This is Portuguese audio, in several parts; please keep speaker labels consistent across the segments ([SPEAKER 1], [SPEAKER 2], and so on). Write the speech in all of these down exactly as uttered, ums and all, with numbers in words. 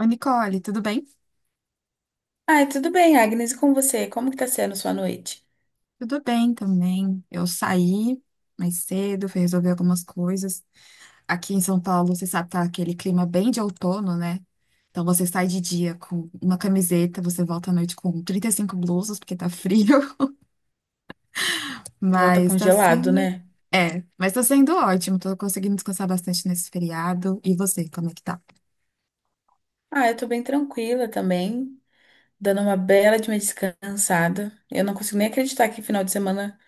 [SPEAKER 1] Oi, Nicole, tudo bem?
[SPEAKER 2] Ai, tudo bem, Agnes, e com você? Como que tá sendo sua noite?
[SPEAKER 1] Tudo bem também. Eu saí mais cedo, fui resolver algumas coisas. Aqui em São Paulo, você sabe, tá aquele clima bem de outono, né? Então você sai de dia com uma camiseta, você volta à noite com trinta e cinco blusas, porque tá frio,
[SPEAKER 2] Tu volta
[SPEAKER 1] mas tá
[SPEAKER 2] congelado,
[SPEAKER 1] sendo.
[SPEAKER 2] né?
[SPEAKER 1] É, mas tá sendo ótimo, tô conseguindo descansar bastante nesse feriado. E você, como é que tá?
[SPEAKER 2] Ah, eu tô bem tranquila também, dando uma bela de uma descansada. Eu não consigo nem acreditar que final de semana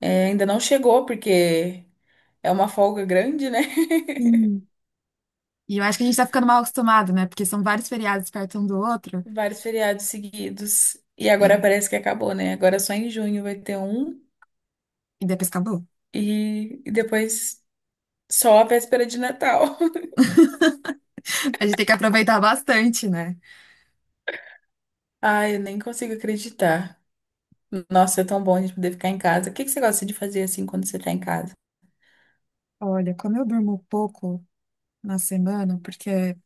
[SPEAKER 2] eh, ainda não chegou, porque é uma folga grande, né?
[SPEAKER 1] Sim. E eu acho que a gente tá ficando mal acostumado, né? Porque são vários feriados perto um do outro,
[SPEAKER 2] Vários feriados seguidos. E agora
[SPEAKER 1] né?
[SPEAKER 2] parece que acabou, né? Agora só em junho vai ter um
[SPEAKER 1] E depois acabou.
[SPEAKER 2] e, e depois só a véspera de Natal.
[SPEAKER 1] A gente tem que aproveitar bastante, né?
[SPEAKER 2] Ai, eu nem consigo acreditar. Nossa, é tão bom a gente poder ficar em casa. O que que você gosta de fazer assim quando você tá em casa?
[SPEAKER 1] Olha, como eu durmo pouco na semana, porque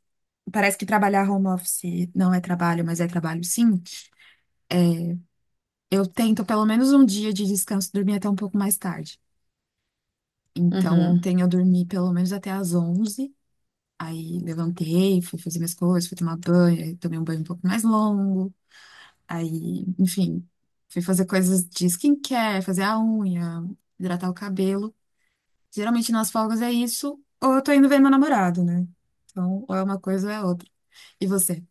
[SPEAKER 1] parece que trabalhar home office não é trabalho, mas é trabalho sim, eu tento pelo menos um dia de descanso dormir até um pouco mais tarde. Então,
[SPEAKER 2] Uhum.
[SPEAKER 1] ontem eu dormi pelo menos até às onze. Aí levantei, fui fazer minhas coisas, fui tomar banho, aí tomei um banho um pouco mais longo, aí, enfim, fui fazer coisas de skincare, fazer a unha, hidratar o cabelo. Geralmente nas folgas é isso, ou eu tô indo ver meu namorado, né? Então, ou é uma coisa ou é outra. E você?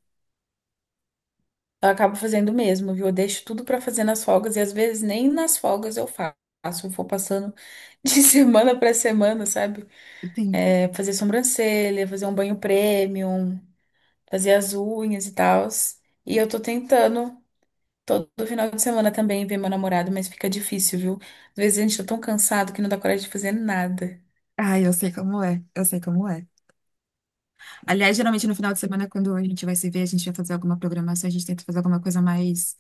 [SPEAKER 2] Eu acabo fazendo mesmo, viu? Eu deixo tudo pra fazer nas folgas e às vezes nem nas folgas eu faço. Eu vou passando de semana pra semana, sabe?
[SPEAKER 1] Sim.
[SPEAKER 2] É, fazer sobrancelha, fazer um banho premium, fazer as unhas e tal. E eu tô tentando todo final de semana também ver meu namorado, mas fica difícil, viu? Às vezes a gente tá tão cansado que não dá coragem de fazer nada.
[SPEAKER 1] ah eu sei como é, eu sei como é. Aliás, geralmente no final de semana, quando a gente vai se ver, a gente vai fazer alguma programação, a gente tenta fazer alguma coisa mais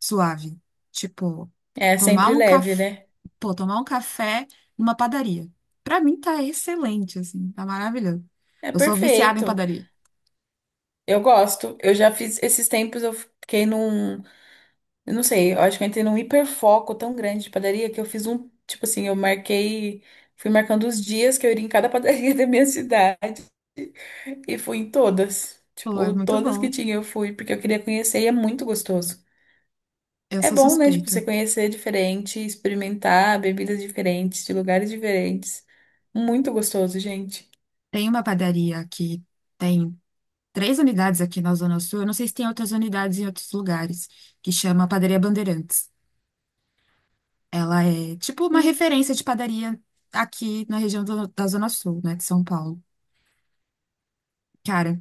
[SPEAKER 1] suave. Tipo,
[SPEAKER 2] É
[SPEAKER 1] tomar
[SPEAKER 2] sempre
[SPEAKER 1] um
[SPEAKER 2] leve,
[SPEAKER 1] café,
[SPEAKER 2] né?
[SPEAKER 1] pô, tomar um café numa padaria. Pra mim tá excelente, assim, tá maravilhoso.
[SPEAKER 2] É
[SPEAKER 1] Eu sou viciada em
[SPEAKER 2] perfeito.
[SPEAKER 1] padaria.
[SPEAKER 2] Eu gosto. Eu já fiz esses tempos, eu fiquei num. Eu não sei, eu acho que eu entrei num hiperfoco tão grande de padaria que eu fiz um, tipo assim, eu marquei, fui marcando os dias que eu iria em cada padaria da minha cidade e fui em todas.
[SPEAKER 1] Pô, é
[SPEAKER 2] Tipo,
[SPEAKER 1] muito
[SPEAKER 2] todas que
[SPEAKER 1] bom.
[SPEAKER 2] tinha eu fui, porque eu queria conhecer e é muito gostoso.
[SPEAKER 1] Eu
[SPEAKER 2] É
[SPEAKER 1] sou
[SPEAKER 2] bom, né? Tipo, você
[SPEAKER 1] suspeita.
[SPEAKER 2] conhecer diferente, experimentar bebidas diferentes, de lugares diferentes. Muito gostoso, gente.
[SPEAKER 1] Tem uma padaria que tem três unidades aqui na Zona Sul. Eu não sei se tem outras unidades em outros lugares, que chama Padaria Bandeirantes. Ela é tipo uma referência de padaria aqui na região do- da Zona Sul, né, de São Paulo. Cara,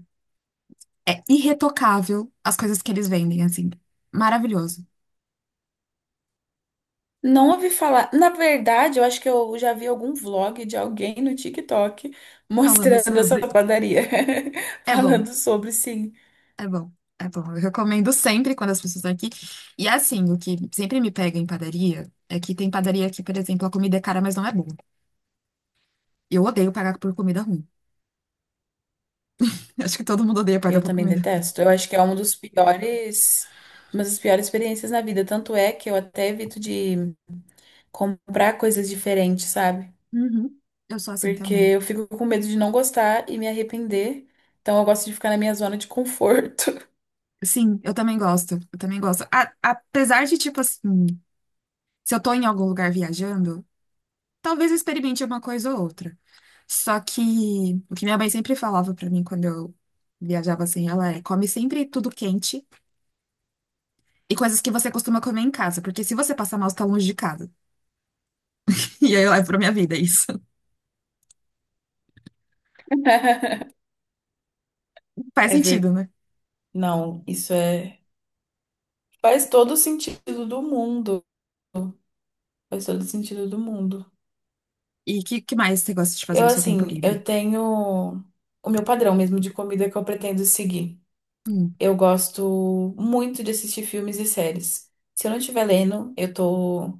[SPEAKER 1] é irretocável as coisas que eles vendem, assim. Maravilhoso.
[SPEAKER 2] Não ouvi falar. Na verdade, eu acho que eu já vi algum vlog de alguém no TikTok
[SPEAKER 1] Falando
[SPEAKER 2] mostrando essa
[SPEAKER 1] sobre.
[SPEAKER 2] padaria,
[SPEAKER 1] É bom,
[SPEAKER 2] falando sobre sim.
[SPEAKER 1] é bom. É bom, eu recomendo sempre quando as pessoas estão aqui. E assim, o que sempre me pega em padaria é que tem padaria que, por exemplo, a comida é cara, mas não é boa. Eu odeio pagar por comida ruim. Acho que todo mundo odeia pagar
[SPEAKER 2] Eu
[SPEAKER 1] por
[SPEAKER 2] também
[SPEAKER 1] comida.
[SPEAKER 2] detesto. Eu acho que é uma dos piores, uma das piores experiências na vida. Tanto é que eu até evito de comprar coisas diferentes, sabe?
[SPEAKER 1] Uhum. Eu sou assim
[SPEAKER 2] Porque
[SPEAKER 1] também.
[SPEAKER 2] eu fico com medo de não gostar e me arrepender. Então eu gosto de ficar na minha zona de conforto.
[SPEAKER 1] Sim, eu também gosto. Eu também gosto. A- apesar de, tipo assim, se eu tô em algum lugar viajando, talvez eu experimente uma coisa ou outra. Só que o que minha mãe sempre falava pra mim quando eu viajava assim, ela é: come sempre tudo quente e coisas que você costuma comer em casa, porque se você passar mal, você tá longe de casa. E aí eu levo pra minha vida isso. Faz
[SPEAKER 2] É verdade.
[SPEAKER 1] sentido, né?
[SPEAKER 2] Não, isso é. Faz todo o sentido do mundo. Faz todo sentido do mundo.
[SPEAKER 1] E o que, que mais você gosta de fazer
[SPEAKER 2] Eu,
[SPEAKER 1] no seu tempo
[SPEAKER 2] assim, eu
[SPEAKER 1] livre?
[SPEAKER 2] tenho o meu padrão mesmo de comida que eu pretendo seguir.
[SPEAKER 1] Hum.
[SPEAKER 2] Eu gosto muito de assistir filmes e séries. Se eu não estiver lendo, eu tô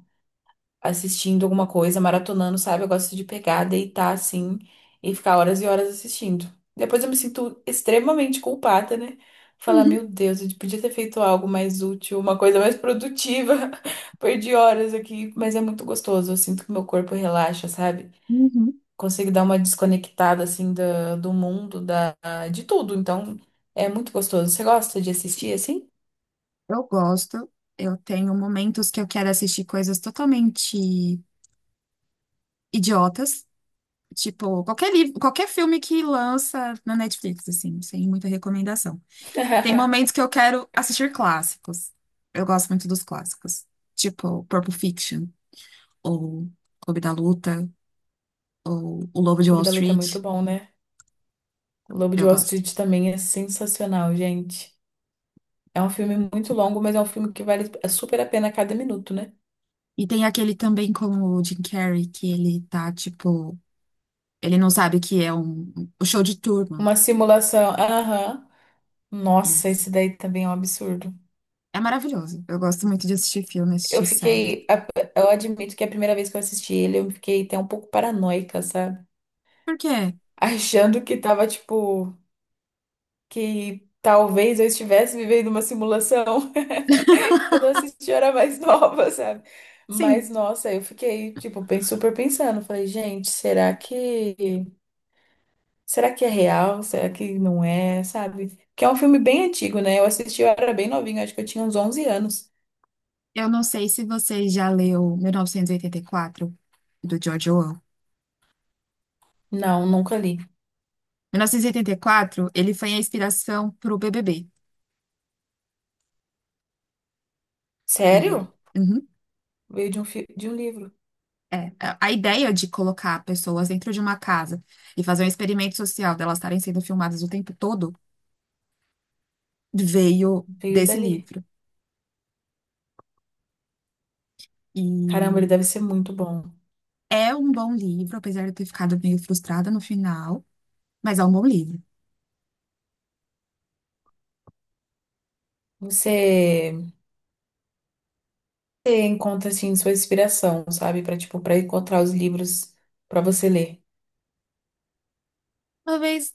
[SPEAKER 2] assistindo alguma coisa, maratonando, sabe? Eu gosto de pegar, deitar assim e ficar horas e horas assistindo. Depois eu me sinto extremamente culpada, né? Falar,
[SPEAKER 1] Uhum.
[SPEAKER 2] meu Deus, eu podia ter feito algo mais útil, uma coisa mais produtiva. Perdi horas aqui, mas é muito gostoso. Eu sinto que meu corpo relaxa, sabe?
[SPEAKER 1] Uhum.
[SPEAKER 2] Consigo dar uma desconectada assim do, do mundo, da, de tudo. Então, é muito gostoso. Você gosta de assistir assim?
[SPEAKER 1] Eu gosto. Eu tenho momentos que eu quero assistir coisas totalmente idiotas. Tipo, qualquer livro, qualquer filme que lança na Netflix, assim, sem muita recomendação. Tem momentos que eu quero assistir clássicos. Eu gosto muito dos clássicos. Tipo, Pulp Fiction, ou Clube da Luta, ou O Lobo de
[SPEAKER 2] Clube
[SPEAKER 1] Wall
[SPEAKER 2] da Luta é muito
[SPEAKER 1] Street.
[SPEAKER 2] bom, né? O Lobo de
[SPEAKER 1] Eu
[SPEAKER 2] Wall
[SPEAKER 1] gosto.
[SPEAKER 2] Street também é sensacional, gente. É um filme muito longo, mas é um filme que vale super a pena a cada minuto, né?
[SPEAKER 1] E tem aquele também com o Jim Carrey, que ele tá, tipo, ele não sabe o que é um, um, o show de Truman.
[SPEAKER 2] Uma simulação. Aham. Nossa, esse
[SPEAKER 1] Isso.
[SPEAKER 2] daí também é um absurdo.
[SPEAKER 1] É maravilhoso. Eu gosto muito de assistir filme,
[SPEAKER 2] Eu
[SPEAKER 1] assistir série.
[SPEAKER 2] fiquei. A- eu admito que a primeira vez que eu assisti ele, eu fiquei até um pouco paranoica, sabe?
[SPEAKER 1] Por quê?
[SPEAKER 2] Achando que tava, tipo. Que talvez eu estivesse vivendo uma simulação quando eu assisti eu era mais nova, sabe? Mas
[SPEAKER 1] Sim,
[SPEAKER 2] nossa, eu fiquei tipo bem super pensando, falei, gente, será que será que é real? Será que não é, sabe? Que é um filme bem antigo, né? Eu assisti eu era bem novinha, acho que eu tinha uns onze anos.
[SPEAKER 1] eu não sei se você já leu mil novecentos e oitenta e quatro, do George Orwell.
[SPEAKER 2] Não, nunca li.
[SPEAKER 1] mil novecentos e oitenta e quatro, ele foi a inspiração para o B B B. E,
[SPEAKER 2] Sério?
[SPEAKER 1] uhum,
[SPEAKER 2] Veio de um fi... de um livro,
[SPEAKER 1] é, a a ideia de colocar pessoas dentro de uma casa e fazer um experimento social delas estarem sendo filmadas o tempo todo veio
[SPEAKER 2] veio
[SPEAKER 1] desse
[SPEAKER 2] dali.
[SPEAKER 1] livro.
[SPEAKER 2] Caramba, ele
[SPEAKER 1] E
[SPEAKER 2] deve ser muito bom.
[SPEAKER 1] é um bom livro, apesar de eu ter ficado meio frustrada no final, mas é um bom livro.
[SPEAKER 2] Você você encontra assim sua inspiração, sabe, para tipo para encontrar os livros para você ler.
[SPEAKER 1] Talvez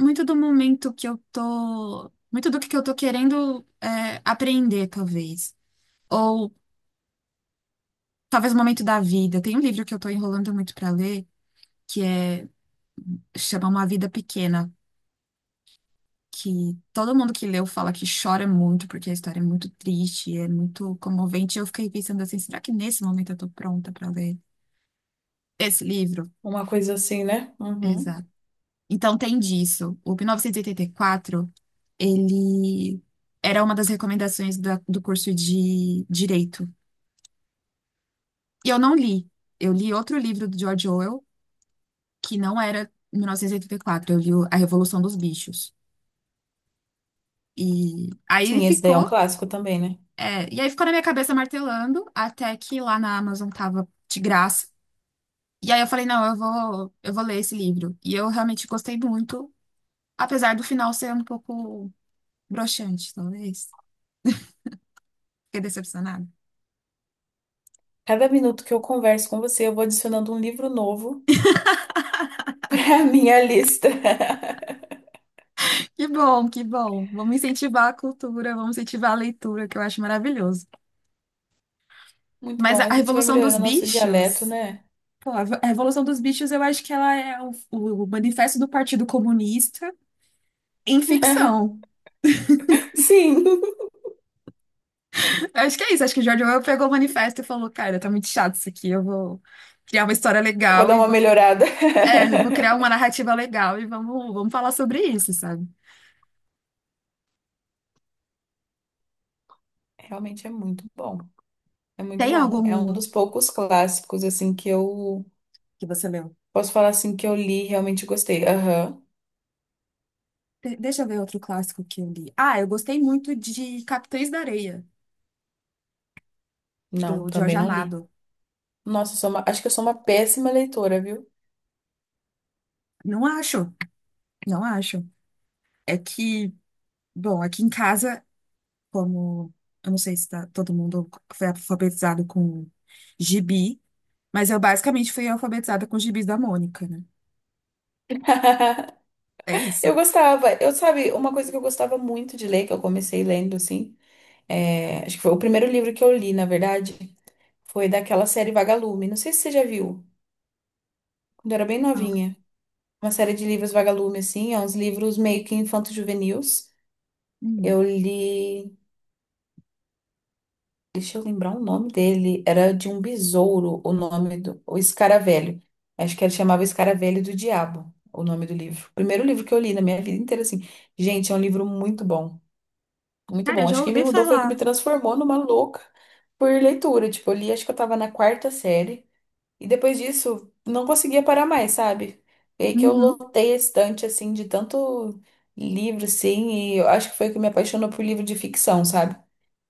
[SPEAKER 1] muito do momento que eu tô, muito do que eu tô querendo é, aprender, talvez. Ou talvez o momento da vida. Tem um livro que eu tô enrolando muito pra ler, que é chama Uma Vida Pequena, que todo mundo que leu fala que chora muito, porque a história é muito triste, é muito comovente. E eu fiquei pensando assim, será que nesse momento eu tô pronta pra ler esse livro?
[SPEAKER 2] Uma coisa assim, né? Uhum.
[SPEAKER 1] Exato. Então tem disso. O mil novecentos e oitenta e quatro, ele era uma das recomendações da- do curso de direito. E eu não li. Eu li outro livro do George Orwell, que não era mil novecentos e oitenta e quatro, eu li o- A Revolução dos Bichos. E aí ele
[SPEAKER 2] Sim, esse daí é um
[SPEAKER 1] ficou,
[SPEAKER 2] clássico também, né?
[SPEAKER 1] é, e aí ficou na minha cabeça martelando, até que lá na Amazon tava de graça. E aí eu falei, não, eu vou, eu vou ler esse livro. E eu realmente gostei muito, apesar do final ser um pouco broxante, talvez. Fiquei decepcionada.
[SPEAKER 2] Cada minuto que eu converso com você, eu vou adicionando um livro novo à minha lista.
[SPEAKER 1] Que bom, que bom. Vamos incentivar a cultura, vamos incentivar a leitura, que eu acho maravilhoso.
[SPEAKER 2] Muito
[SPEAKER 1] Mas
[SPEAKER 2] bom,
[SPEAKER 1] a
[SPEAKER 2] a
[SPEAKER 1] a
[SPEAKER 2] gente vai
[SPEAKER 1] Revolução dos
[SPEAKER 2] melhorando nosso dialeto,
[SPEAKER 1] Bichos.
[SPEAKER 2] né?
[SPEAKER 1] Pô, a Revo- a Revolução dos Bichos, eu acho que ela é o, o manifesto do Partido Comunista em ficção.
[SPEAKER 2] Sim,
[SPEAKER 1] Acho que é isso. Acho que o George Orwell pegou o manifesto e falou: Cara, tá muito chato isso aqui. Eu vou criar uma história
[SPEAKER 2] vou
[SPEAKER 1] legal
[SPEAKER 2] dar
[SPEAKER 1] e
[SPEAKER 2] uma
[SPEAKER 1] vou.
[SPEAKER 2] melhorada.
[SPEAKER 1] É, eu vou criar uma narrativa legal e vamos, vamos falar sobre isso, sabe?
[SPEAKER 2] Realmente é muito bom. É muito
[SPEAKER 1] Tem
[SPEAKER 2] bom. É um
[SPEAKER 1] algum
[SPEAKER 2] dos poucos clássicos assim que eu
[SPEAKER 1] que você leu?
[SPEAKER 2] posso falar assim que eu li, e realmente gostei. Aham.
[SPEAKER 1] De- deixa eu ver outro clássico que eu li. Ah, eu gostei muito de Capitães da Areia,
[SPEAKER 2] Não,
[SPEAKER 1] do Jorge
[SPEAKER 2] também não li.
[SPEAKER 1] Amado.
[SPEAKER 2] Nossa, eu sou uma- acho que eu sou uma péssima leitora, viu?
[SPEAKER 1] Não acho, não acho. É que, bom, aqui em casa. Como, eu não sei se tá, todo mundo foi alfabetizado com gibi, mas eu basicamente fui alfabetizada com os gibis da Mônica, né? É
[SPEAKER 2] Eu
[SPEAKER 1] isso.
[SPEAKER 2] gostava, eu sabe, uma coisa que eu gostava muito de ler, que eu comecei lendo, assim, é, acho que foi o primeiro livro que eu li, na verdade, foi daquela série Vagalume. Não sei se você já viu, quando eu era bem
[SPEAKER 1] Não.
[SPEAKER 2] novinha. Uma série de livros Vagalume, assim, é uns livros meio que infanto-juvenis.
[SPEAKER 1] Uhum.
[SPEAKER 2] Eu li. Deixa eu lembrar o nome dele. Era de um besouro, o nome do. O Escaravelho. Acho que ele chamava Escaravelho do Diabo, o nome do livro. Primeiro livro que eu li na minha vida inteira, assim. Gente, é um livro muito bom. Muito
[SPEAKER 1] Cara, eu
[SPEAKER 2] bom.
[SPEAKER 1] já
[SPEAKER 2] Acho que me
[SPEAKER 1] ouvi
[SPEAKER 2] mudou, foi o que me
[SPEAKER 1] falar.
[SPEAKER 2] transformou numa louca por leitura. Tipo, eu li, acho que eu tava na quarta série. E depois disso, não conseguia parar mais, sabe? E aí que eu
[SPEAKER 1] Uhum,
[SPEAKER 2] lotei a estante, assim, de tanto livro, assim. E eu acho que foi o que me apaixonou por livro de ficção, sabe?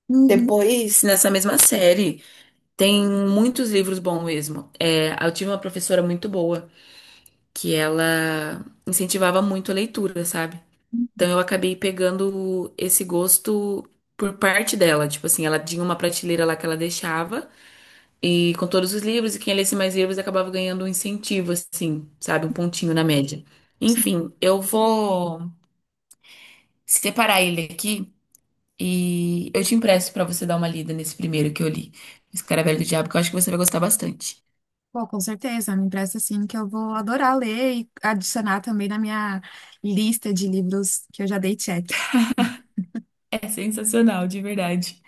[SPEAKER 1] uhum,
[SPEAKER 2] Depois, nessa mesma série. Tem muitos livros bons mesmo. É, eu tive uma professora muito boa que ela incentivava muito a leitura, sabe?
[SPEAKER 1] uhum,
[SPEAKER 2] Então eu acabei pegando esse gosto por parte dela. Tipo assim, ela tinha uma prateleira lá que ela deixava e com todos os livros, e quem lesse mais livros acabava ganhando um incentivo, assim, sabe? Um pontinho na média.
[SPEAKER 1] sim.
[SPEAKER 2] Enfim, eu vou separar ele aqui e eu te empresto pra você dar uma lida nesse primeiro que eu li, Escaravelho do Diabo, que eu acho que você vai gostar bastante.
[SPEAKER 1] Pô, com certeza, me empresta assim que eu vou adorar ler e adicionar também na minha lista de livros que eu já dei check.
[SPEAKER 2] É sensacional, de verdade.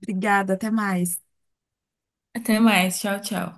[SPEAKER 1] Obrigada, até mais.
[SPEAKER 2] Até mais. Tchau, tchau.